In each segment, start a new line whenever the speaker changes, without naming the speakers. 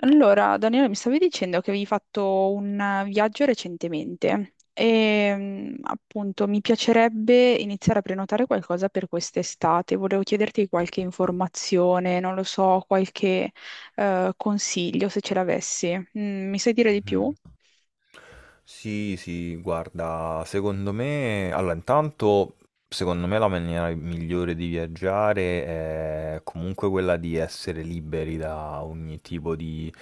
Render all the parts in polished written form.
Allora, Daniele, mi stavi dicendo che avevi fatto un viaggio recentemente e appunto mi piacerebbe iniziare a prenotare qualcosa per quest'estate. Volevo chiederti qualche informazione, non lo so, qualche consiglio se ce l'avessi. Mi sai dire di più?
Mh. Sì, sì, guarda, secondo me la maniera migliore di viaggiare è comunque quella di essere liberi da ogni tipo di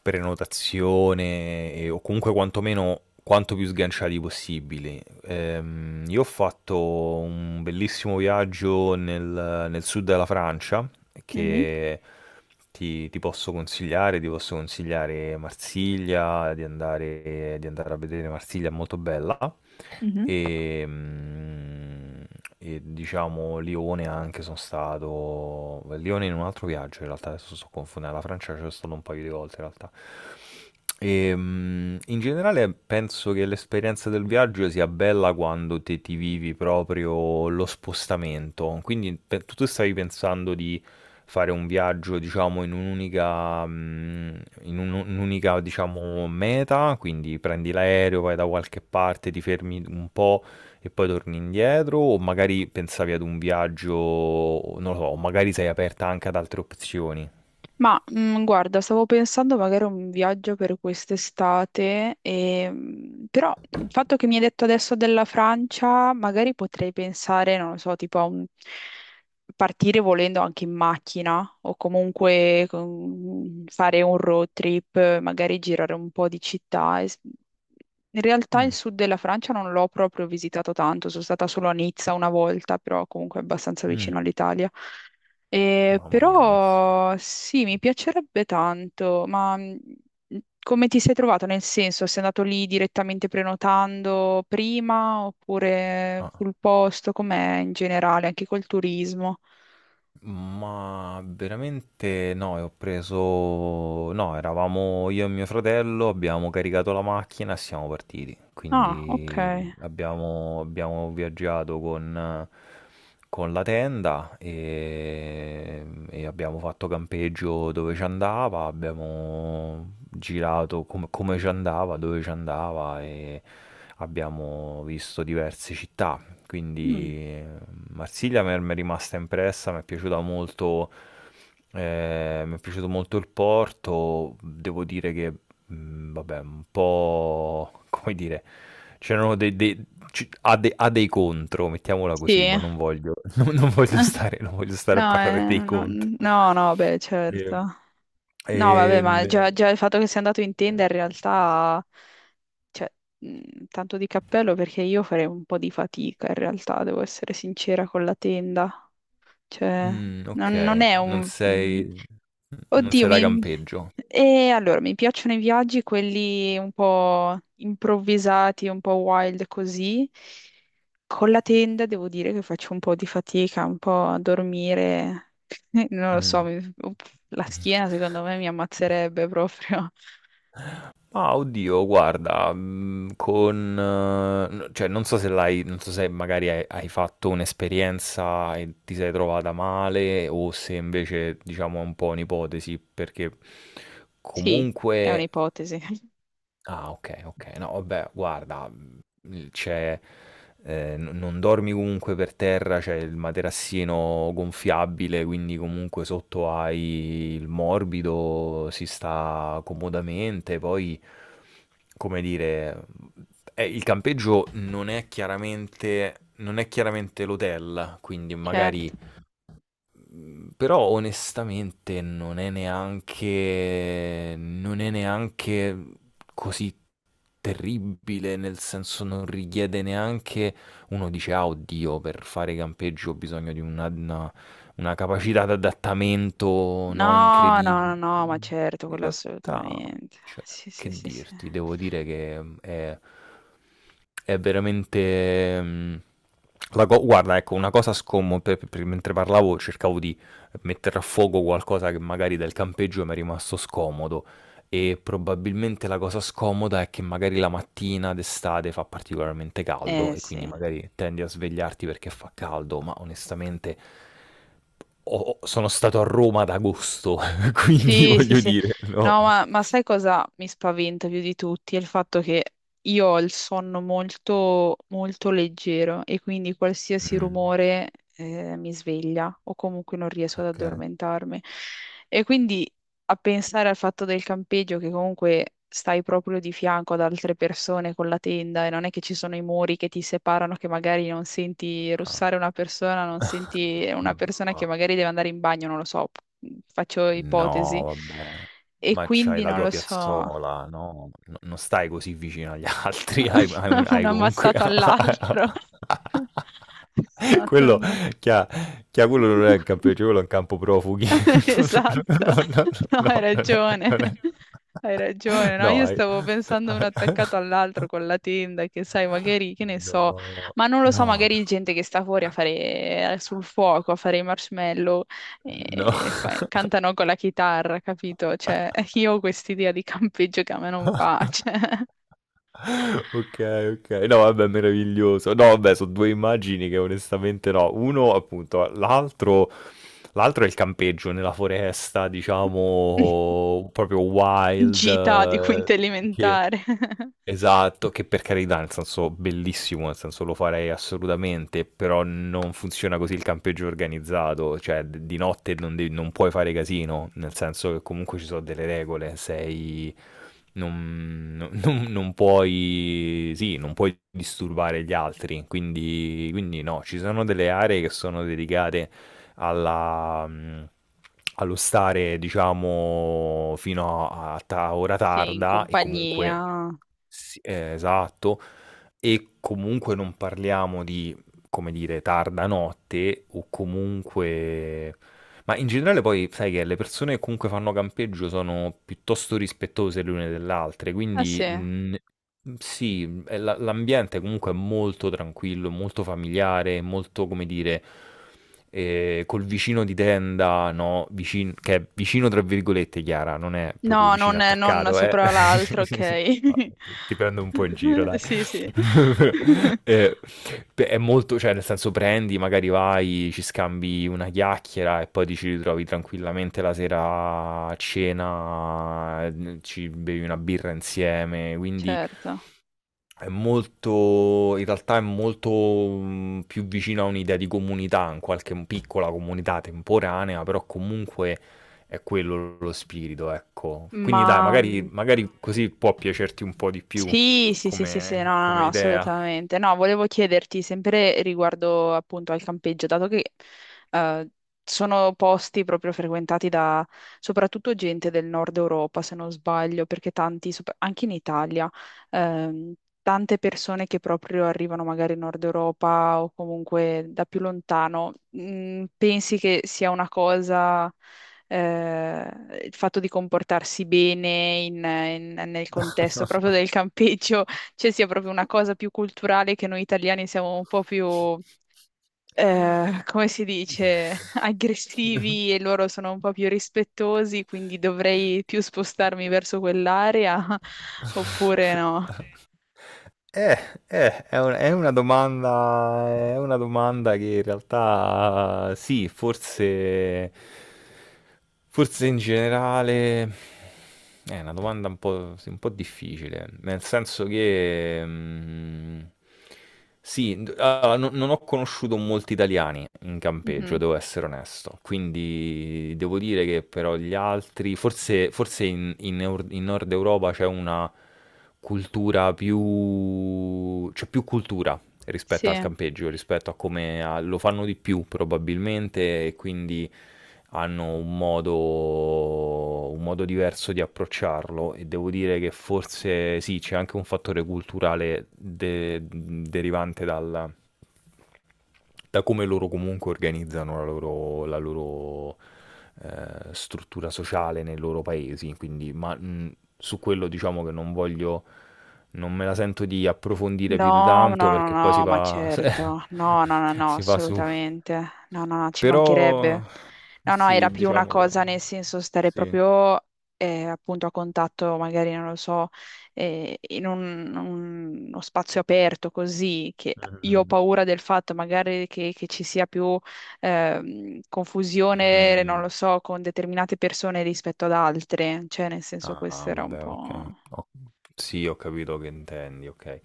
prenotazione o comunque quantomeno quanto più sganciati possibili. Io ho fatto un bellissimo viaggio nel sud della Francia
Mhm,
che ti posso consigliare Marsiglia, di andare a vedere Marsiglia, è molto bella.
mhm.
E, mm, e diciamo Lione anche sono stato. Lione in un altro viaggio in realtà, adesso sto confondendo. La Francia ci sono stato un paio di volte in realtà. E in generale penso che l'esperienza del viaggio sia bella quando te ti vivi proprio lo spostamento. Quindi tu stavi pensando di fare un viaggio, diciamo, in un'unica, mm, in un- un'unica, diciamo, meta, quindi prendi l'aereo, vai da qualche parte, ti fermi un po' e poi torni indietro, o magari pensavi ad un viaggio, non lo so, o magari sei aperta anche ad altre opzioni.
Ma guarda, stavo pensando magari a un viaggio per quest'estate, e, però il fatto che mi hai detto adesso della Francia, magari potrei pensare, non lo so, tipo a un... partire volendo anche in macchina o comunque fare un road trip, magari girare un po' di città. In realtà il
Mm,
sud della Francia non l'ho proprio visitato tanto, sono stata solo a Nizza una volta, però comunque è abbastanza vicino
mm.
all'Italia.
Mamma mia, Nizza.
Però sì, mi piacerebbe tanto, ma come ti sei trovato? Nel senso, sei andato lì direttamente prenotando prima oppure
Ah.
sul posto? Com'è in generale, anche col turismo?
Ma veramente no, no, eravamo io e mio fratello, abbiamo caricato la macchina e siamo partiti.
Ah, ok.
Quindi abbiamo viaggiato con la tenda e abbiamo fatto campeggio dove ci andava, abbiamo girato come ci andava, dove ci andava e abbiamo visto diverse città.
Mm.
Quindi Marsiglia mi è rimasta impressa, mi è piaciuta molto, mi è piaciuto molto il porto, devo dire che, vabbè, un po', come dire, c'erano ha dei contro, mettiamola così,
Sì.
ma non voglio, non voglio stare a
No,
parlare dei
no,
contro.
no, no, beh, certo.
E-
No,
e-
vabbè, ma
n-
già, già il fatto che sia andato in tenda in realtà cioè, tanto di cappello perché io farei un po' di fatica in realtà, devo essere sincera con la tenda. Cioè,
Mm,
non
ok,
è un...
non
oddio,
sei da
mi...
campeggio.
E allora, mi piacciono i viaggi, quelli un po' improvvisati, un po' wild così. Con la tenda devo dire che faccio un po' di fatica, un po' a dormire. Non lo so,
Mm.
la schiena secondo me mi ammazzerebbe proprio.
Ah, oddio, guarda, cioè, non so se magari hai fatto un'esperienza e ti sei trovata male o se invece, diciamo, è un po' un'ipotesi, perché
Sì, è
comunque...
un'ipotesi.
Ah, ok, ok, no, vabbè, guarda, Mhmm, c'è n non dormi comunque per terra, c'è il materassino gonfiabile, quindi comunque sotto hai il morbido, si sta comodamente. Poi, come dire, il campeggio non è chiaramente l'hotel, quindi magari
Certo.
mhmm, però onestamente non è neanche così terribile, nel senso non richiede neanche uno dice, ah, oddio, per fare campeggio ho bisogno di una capacità di adattamento, no,
No,
incredibile.
no, no, no, ma certo,
In
quello
realtà,
assolutamente.
cioè,
Sì, sì,
che
sì, sì.
dirti, devo dire che è veramente... guarda, ecco, una cosa scomoda, mentre parlavo cercavo di mettere a fuoco qualcosa che magari del campeggio mi è rimasto scomodo. E probabilmente la cosa scomoda è che magari la mattina d'estate fa particolarmente caldo
Eh
e quindi
sì.
magari tendi a svegliarti perché fa caldo, ma onestamente sono stato a Roma ad agosto, quindi
Sì, sì,
voglio
sì.
dire, no.
No, ma sai cosa mi spaventa più di tutti? È il fatto che io ho il sonno molto, molto leggero e quindi qualsiasi
Mh,
rumore mi sveglia o comunque non riesco ad
okay.
addormentarmi. E quindi a pensare al fatto del campeggio che comunque stai proprio di fianco ad altre persone con la tenda e non è che ci sono i muri che ti separano, che magari non senti
Ah.
russare una persona, non senti una persona che
Ma
magari deve andare in bagno, non lo so, faccio ipotesi.
no, vabbè.
E
Ma c'hai
quindi
la
non
tua
lo so,
piazzola, no, no non stai così vicino agli altri, hai hai
un
hai comunque
ammazzato all'altro. È stato
Quello,
un-
chia chia quello non è un campeggio, quello è un campo profughi.
Esatto,
No, no, no,
no, hai
no, non è
ragione,
non è
hai ragione, no?
no,
Io
hai
stavo pensando uno attaccato all'altro con la tenda, che sai, magari, che ne so,
no,
ma non lo so,
no,
magari gente che sta fuori a fare sul fuoco, a fare i marshmallow,
no.
e cantano con la chitarra, capito? Cioè, io ho quest'idea di campeggio che a me non va, cioè,
Ok, ok. No, vabbè, meraviglioso. No, vabbè, sono due immagini che onestamente no. Uno, appunto, l'altro è il campeggio nella foresta, diciamo, proprio wild,
gita di quinta
che...
elementare.
esatto, che per carità, nel senso bellissimo, nel senso lo farei assolutamente, però non funziona così il campeggio organizzato, cioè di notte non puoi fare casino, nel senso che comunque ci sono delle regole, sei... non puoi disturbare gli altri, quindi, quindi no, ci sono delle aree che sono dedicate alla... mh, allo stare, diciamo, fino ora
Sì, in
tarda e comunque
compagnia.
sì, esatto. E comunque non parliamo di, come dire, tarda notte o comunque... Ma in generale poi sai che le persone che comunque fanno campeggio sono piuttosto rispettose le une delle altre,
Ah
quindi
sì.
sì, l'ambiente comunque è molto tranquillo, molto familiare, molto, come dire, col vicino di tenda, no? Che è vicino tra virgolette, Chiara, non è proprio
No, non,
vicino
non
attaccato, eh?
sopra l'altro,
Ah,
ok.
ti prendo un po' in giro, dai.
Sì, sì.
Eh, beh, è molto, cioè, nel senso, prendi, magari vai, ci scambi una chiacchiera e poi ti ci ritrovi tranquillamente la sera a cena, ci bevi una birra insieme. Quindi,
Certo.
è molto, in realtà è molto più vicino a un'idea di comunità, in qualche piccola comunità temporanea, però comunque è quello lo spirito, ecco. Quindi dai,
Ma
magari, magari così può piacerti un po' di più
sì, sì, sì, sì, sì, no,
come,
no, no,
come idea.
assolutamente. No, volevo chiederti sempre riguardo appunto al campeggio, dato che eh, sono posti proprio frequentati da soprattutto gente del nord Europa, se non sbaglio, perché tanti, anche in Italia, ehm, tante persone che proprio arrivano magari in Nord Europa o comunque da più lontano, pensi che sia una cosa il fatto di comportarsi bene nel contesto proprio del campeggio, cioè sia proprio una cosa più culturale che noi italiani siamo un po' più, come si dice,
Sì.
aggressivi e loro sono un po' più rispettosi, quindi dovrei più spostarmi verso quell'area oppure no.
Eh, è una domanda che in realtà sì, forse in generale è una domanda un po', sì, un po' difficile, nel senso che sì, allora, non ho conosciuto molti italiani in campeggio,
Mhm.
devo essere onesto, quindi devo dire che però gli altri, forse in Nord Europa c'è una cultura più, c'è più cultura, rispetto al
Sì.
campeggio, rispetto a come lo fanno di più probabilmente e quindi hanno un modo diverso di approcciarlo e devo dire che forse sì, c'è anche un fattore culturale derivante dalla da come loro comunque organizzano la loro struttura sociale nei loro paesi, quindi su quello diciamo che non voglio, non me la sento di approfondire più di
No, no,
tanto
no,
perché poi
no, ma certo, no, no, no, no,
si va su.
assolutamente, no, no, no, ci
Però
mancherebbe. No, no, era
sì,
più una
diciamo che
cosa nel senso stare
sì.
proprio appunto a contatto, magari, non lo so, in uno spazio aperto così, che io ho
Mhm.
paura del fatto magari che ci sia più confusione, non
Mm.
lo so, con determinate persone rispetto ad altre, cioè nel senso
Ah,
questo era un
vabbè,
po'...
ok. Sì, ho capito che intendi, ok.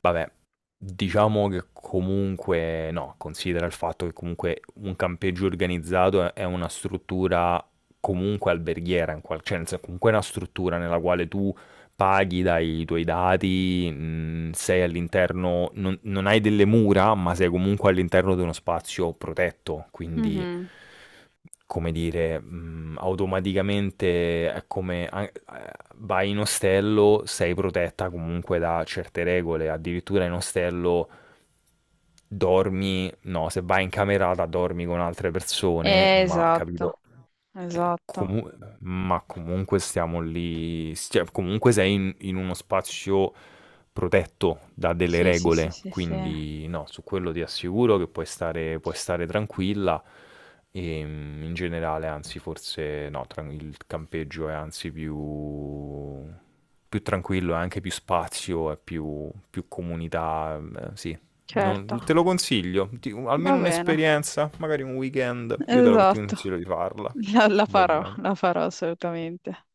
Vabbè, diciamo che comunque, no, considera il fatto che comunque un campeggio organizzato è una struttura comunque alberghiera, cioè nel senso, comunque è una struttura nella quale tu paghi, dai i tuoi dati, sei all'interno, non hai delle mura, ma sei comunque all'interno di uno spazio protetto, quindi
Mhm.
come dire, automaticamente è come vai in ostello, sei protetta comunque da certe regole, addirittura in ostello dormi, no, se vai in camerata dormi con altre persone, ma capito?
Esatto. Esatto.
Comu ma comunque stiamo lì s cioè comunque sei in in uno spazio protetto da delle
Sì, sì, sì,
regole,
sì, sì.
quindi no, su quello ti assicuro che puoi stare tranquilla. In generale anzi forse no, tran il campeggio è anzi più tranquillo, è anche più spazio, è più comunità, sì. Non te
Certo.
lo consiglio, ti
Va
almeno
bene.
un'esperienza, magari un weekend, io te lo ti
Esatto.
consiglio di farla.
La,
Va bene.
la farò assolutamente.